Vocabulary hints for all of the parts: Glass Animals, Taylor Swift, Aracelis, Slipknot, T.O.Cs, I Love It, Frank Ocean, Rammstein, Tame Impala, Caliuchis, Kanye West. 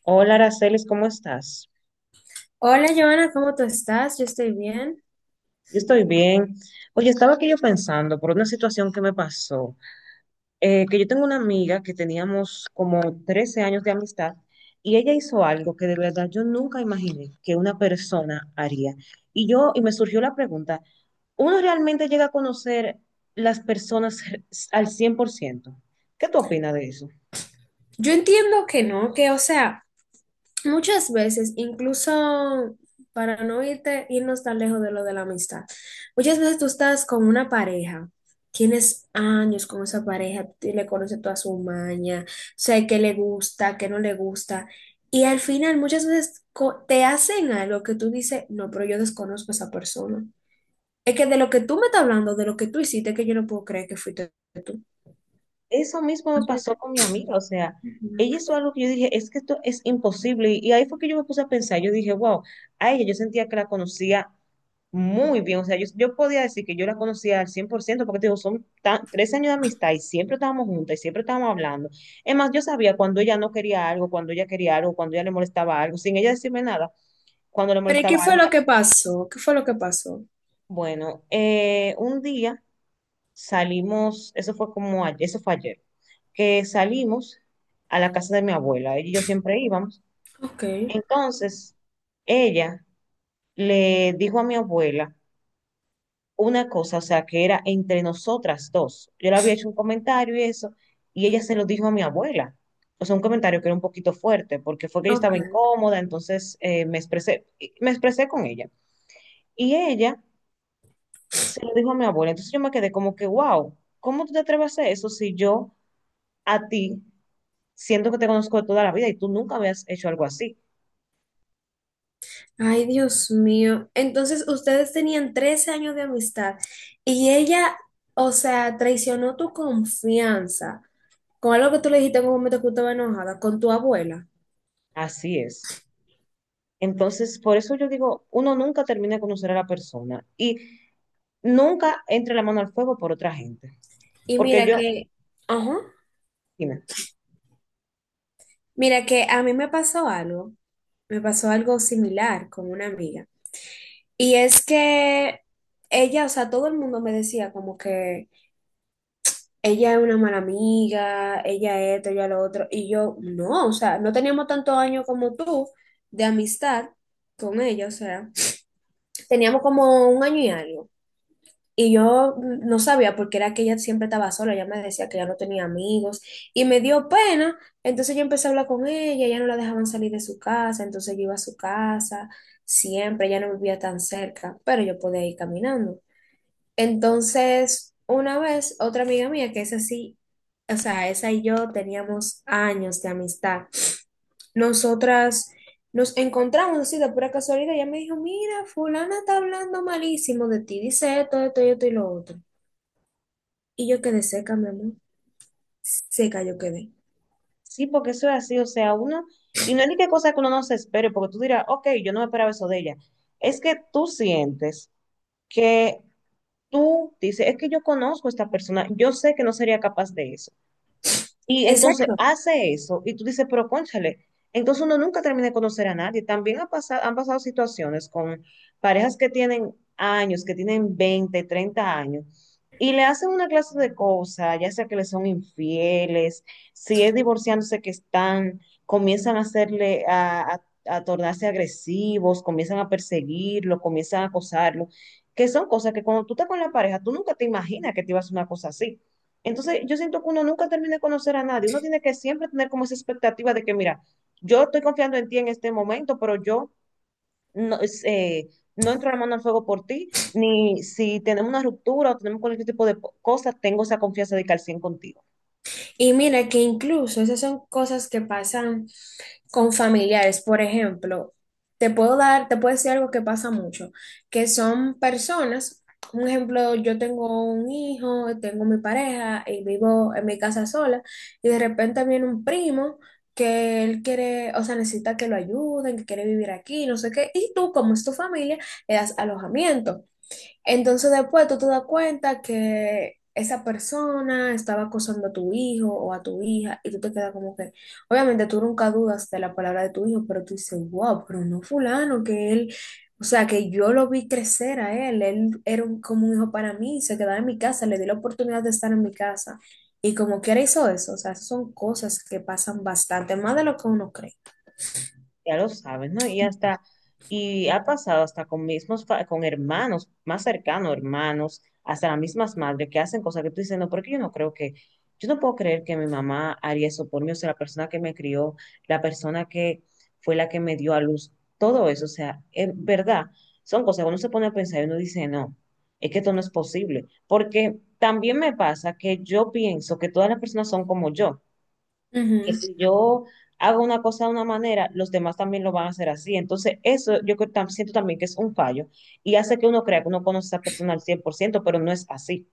Hola, Aracelis, ¿cómo estás? Hola, Joana, ¿cómo tú estás? Yo estoy bien. Yo estoy bien. Oye, estaba aquí yo pensando por una situación que me pasó, que yo tengo una amiga que teníamos como 13 años de amistad y ella hizo algo que de verdad yo nunca imaginé que una persona haría. Y me surgió la pregunta, ¿uno realmente llega a conocer las personas al 100%? ¿Qué tú opinas de eso? Yo entiendo que no, que o sea, muchas veces, incluso para no irnos tan lejos de lo de la amistad, muchas veces tú estás con una pareja, tienes años con esa pareja, tú le conoces toda su maña, sé qué le gusta, qué no le gusta, y al final muchas veces te hacen algo que tú dices, no, pero yo desconozco a esa persona. Es que de lo que tú me estás hablando, de lo que tú hiciste, que yo no puedo creer que fuiste tú. Eso mismo me pasó con mi amiga, o sea, Ujú. ella hizo algo que yo dije, es que esto es imposible. Y ahí fue que yo me puse a pensar, yo dije, wow, a ella yo sentía que la conocía muy bien, o sea, yo podía decir que yo la conocía al 100%, porque te digo, 3 años de amistad y siempre estábamos juntas y siempre estábamos hablando. Es más, yo sabía cuando ella no quería algo, cuando ella quería algo, cuando ella le molestaba algo, sin ella decirme nada, cuando le Pero ¿y molestaba qué fue algo. lo que pasó? ¿Qué fue lo que pasó? Bueno, un día salimos. Eso fue como, eso fue ayer, que salimos a la casa de mi abuela, ella y yo siempre íbamos. Ok, Entonces, ella le dijo a mi abuela una cosa, o sea, que era entre nosotras dos. Yo le había hecho un comentario y eso, y ella se lo dijo a mi abuela. O sea, un comentario que era un poquito fuerte, porque fue que yo estaba ok. incómoda, entonces me expresé con ella. Y ella se lo dijo a mi abuela. Entonces yo me quedé como que, wow, ¿cómo tú te atreves a hacer eso si yo a ti siento que te conozco de toda la vida y tú nunca habías hecho algo así? Ay, Dios mío. Entonces, ustedes tenían 13 años de amistad y ella, o sea, traicionó tu confianza con algo que tú le dijiste en un momento que tú estabas enojada, con tu abuela. Así es. Entonces, por eso yo digo, uno nunca termina de conocer a la persona y nunca entre la mano al fuego por otra gente. Y Porque mira yo, que, ajá, dime, mira que a mí me pasó algo, similar con una amiga. Y es que ella, o sea, todo el mundo me decía como que... ella es una mala amiga, ella esto, ella lo otro. Y yo, no, o sea, no teníamos tantos años como tú de amistad con ella, o sea, teníamos como un año y algo. Y yo no sabía porque era que ella siempre estaba sola, ella me decía que ya no tenía amigos y me dio pena, entonces yo empecé a hablar con ella, ya no la dejaban salir de su casa, entonces yo iba a su casa, siempre, ya no vivía tan cerca, pero yo podía ir caminando. Entonces, una vez, otra amiga mía, que es así, o sea, esa y yo teníamos años de amistad. Nosotras nos encontramos así de pura casualidad. Ella me dijo, mira, fulana está hablando malísimo de ti, dice esto, esto y esto y lo otro. Y yo quedé seca, mi amor. Seca yo quedé. sí, porque eso es así, o sea, uno, y no es ni qué cosa que uno no se espere, porque tú dirás, ok, yo no me esperaba eso de ella. Es que tú sientes que tú dices, es que yo conozco a esta persona, yo sé que no sería capaz de eso. Y entonces Exacto. hace eso y tú dices, pero cónchale, entonces uno nunca termina de conocer a nadie. También ha pasado, han pasado situaciones con parejas que tienen años, que tienen 20 30 años, y le hacen una clase de cosas, ya sea que le son infieles, si es divorciándose que están, comienzan a hacerle, a tornarse agresivos, comienzan a perseguirlo, comienzan a acosarlo, que son cosas que cuando tú estás con la pareja, tú nunca te imaginas que te ibas a hacer una cosa así. Entonces, yo siento que uno nunca termina de conocer a nadie. Uno tiene que siempre tener como esa expectativa de que, mira, yo estoy confiando en ti en este momento, pero yo no, es, eh, no entro la mano al fuego por ti, ni si tenemos una ruptura o tenemos cualquier tipo de cosa, tengo esa confianza de que al 100 contigo. Y mira que incluso esas son cosas que pasan con familiares, por ejemplo, te puedo dar, te puedo decir algo que pasa mucho, que son personas, un ejemplo, yo tengo un hijo, tengo mi pareja y vivo en mi casa sola y de repente viene un primo que él quiere, o sea, necesita que lo ayuden, que quiere vivir aquí, no sé qué, y tú como es tu familia, le das alojamiento. Entonces después tú te das cuenta que esa persona estaba acosando a tu hijo o a tu hija y tú te quedas como que, obviamente tú nunca dudas de la palabra de tu hijo, pero tú dices, wow, pero no fulano, que él, o sea, que yo lo vi crecer a él, él era como un hijo para mí, se quedaba en mi casa, le di la oportunidad de estar en mi casa y como quiera hizo eso, o sea, son cosas que pasan bastante, más de lo que uno Ya lo sabes, ¿no? Y ha pasado hasta con mismos, con hermanos más cercanos, hermanos, hasta las mismas madres que hacen cosas que tú dices, no, porque yo no puedo creer que mi mamá haría eso por mí, o sea, la persona que me crió, la persona que fue la que me dio a luz, todo eso, o sea, es verdad, son cosas que uno se pone a pensar y uno dice, no, es que esto no es posible, porque también me pasa que yo pienso que todas las personas son como yo, que cree. si yo hago una cosa de una manera, los demás también lo van a hacer así. Entonces, eso yo creo siento también que es un fallo y hace que uno crea que uno conoce a esa persona al 100% pero no es así.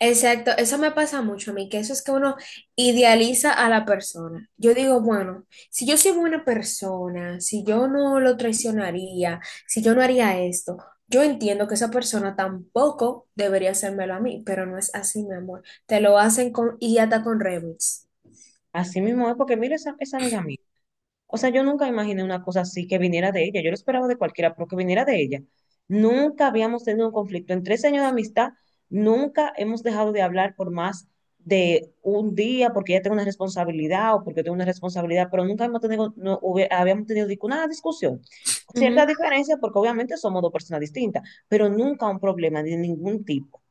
Exacto, eso me pasa mucho a mí, que eso es que uno idealiza a la persona. Yo digo, bueno, si yo soy buena persona, si yo no lo traicionaría, si yo no haría esto, yo entiendo que esa persona tampoco debería hacérmelo a mí, pero no es así, mi amor. Te lo hacen con, y hasta con remix. Así mismo es porque, mira, esa amiga mía. O sea, yo nunca imaginé una cosa así que viniera de ella. Yo lo esperaba de cualquiera, pero que viniera de ella. Nunca habíamos tenido un conflicto. En 3 años de amistad, nunca hemos dejado de hablar por más de un día porque ella tengo una responsabilidad o porque tengo una responsabilidad, pero nunca hemos tenido, no, habíamos tenido ninguna discusión. Cierta diferencia porque obviamente somos dos personas distintas, pero nunca un problema de ningún tipo.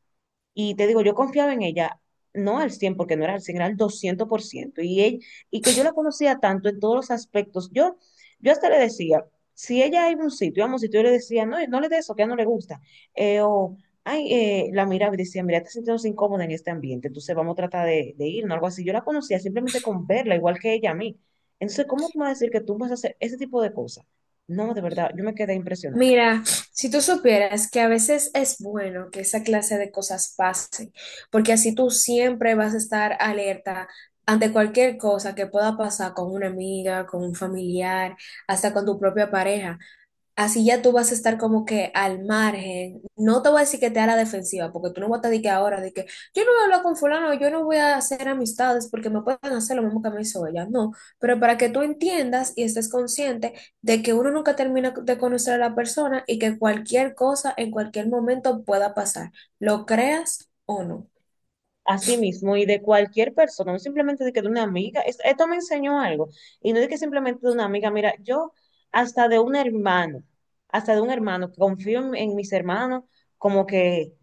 Y te digo, yo confiaba en ella, no al 100 porque no era al cien, era al 200%. Y, ella, y que yo la conocía tanto en todos los aspectos. Yo hasta le decía, si ella iba a un sitio, íbamos a un sitio, yo le decía, no, no le des eso, que a ella no le gusta. Eh, o, la miraba y decía, mira, te sientes incómoda en este ambiente, entonces vamos a tratar de irnos, algo así. Yo la conocía simplemente con verla, igual que ella a mí. Entonces, ¿cómo tú me vas a decir que tú vas a hacer ese tipo de cosas? No, de verdad, yo me quedé impresionada. Mira, si tú supieras que a veces es bueno que esa clase de cosas pasen, porque así tú siempre vas a estar alerta ante cualquier cosa que pueda pasar con una amiga, con un familiar, hasta con tu propia pareja. Así ya tú vas a estar como que al margen. No te voy a decir que te a la defensiva, porque tú no vas a estar de que ahora, de que yo no voy a hablar con fulano, yo no voy a hacer amistades porque me pueden hacer lo mismo que me hizo ella. No, pero para que tú entiendas y estés consciente de que uno nunca termina de conocer a la persona y que cualquier cosa en cualquier momento pueda pasar, lo creas o no. Así mismo, y de cualquier persona, no simplemente de que de una amiga, esto me enseñó algo, y no de que simplemente de una amiga, mira, yo hasta de un hermano, hasta de un hermano, que confío en mis hermanos como que,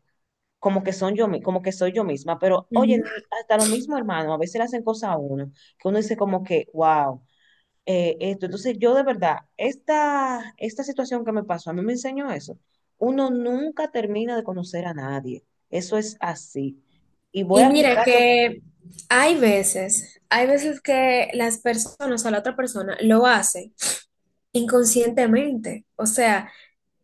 como que son yo, como que soy yo misma, pero oye, Ujú. hasta los mismos hermanos a veces le hacen cosas a uno, que uno dice como que, wow, esto, entonces yo de verdad, esta situación que me pasó, a mí me enseñó eso, uno nunca termina de conocer a nadie, eso es así. Y voy Y a mira aplicarlo. que hay veces que las personas o sea, la otra persona lo hace inconscientemente. O sea,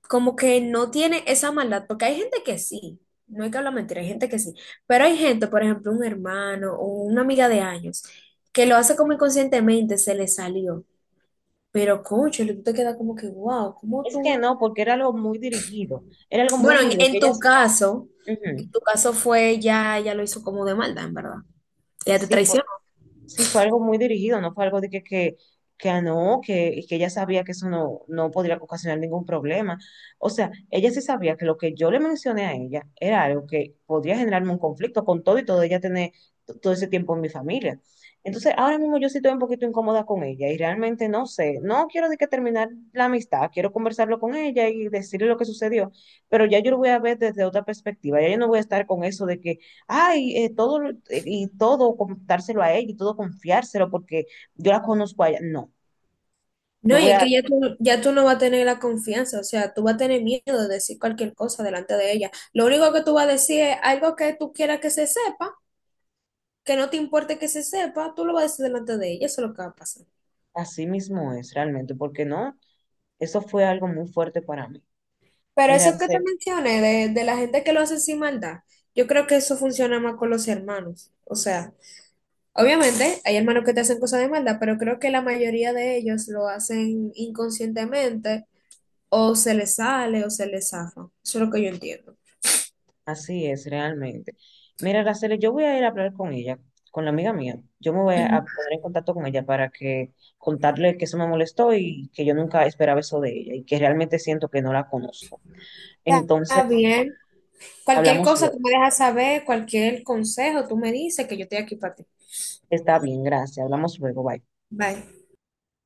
como que no tiene esa maldad, porque hay gente que sí, no hay que hablar mentira, hay gente que sí, pero hay gente, por ejemplo, un hermano o una amiga de años, que lo hace como inconscientemente, se le salió. Pero, concho, tú te quedas como que, wow, ¿cómo Es que tú? no, porque era algo muy dirigido, era algo muy Bueno, dirigido, que ellas, en ujú, tu caso fue ya lo hizo como de maldad, en verdad. Ya te sí, fue- traicionó. sí, fue algo muy dirigido, no fue algo de que, que ah, no, que ella sabía que eso no, no podría ocasionar ningún problema. O sea, ella sí sabía que lo que yo le mencioné a ella era algo que podría generarme un conflicto con todo y todo ella tener todo ese tiempo en mi familia. Entonces, ahora mismo yo sí estoy un poquito incómoda con ella y realmente no sé, no quiero de que terminar la amistad, quiero conversarlo con ella y decirle lo que sucedió, pero ya yo lo voy a ver desde otra perspectiva, ya yo no voy a estar con eso de que ay, todo, y todo contárselo a ella y todo confiárselo porque yo la conozco a ella. No, yo No, y voy es que a, ya tú no vas a tener la confianza, o sea, tú vas a tener miedo de decir cualquier cosa delante de ella. Lo único que tú vas a decir es algo que tú quieras que se sepa, que no te importe que se sepa, tú lo vas a decir delante de ella, eso es lo que va a pasar. así mismo es realmente, porque no, eso fue algo muy fuerte para mí. Pero Mira, eso que te Araceli, mencioné de, la gente que lo hace sin maldad, yo creo que eso funciona más con los hermanos. O sea, obviamente hay hermanos que te hacen cosas de maldad, pero creo que la mayoría de ellos lo hacen inconscientemente o se les sale o se les zafa. Eso es lo que yo entiendo. así es realmente. Mira, Araceli, yo voy a ir a hablar con ella, con la amiga mía. Yo me voy a Ujú. poner en contacto con ella para que contarle que eso me molestó y que yo nunca esperaba eso de ella y que realmente siento que no la conozco. Está Entonces, bien. Cualquier hablamos cosa luego. tú me dejas saber, cualquier consejo tú me dices que yo estoy aquí para ti. Está bien, gracias. Hablamos luego, bye. Bye.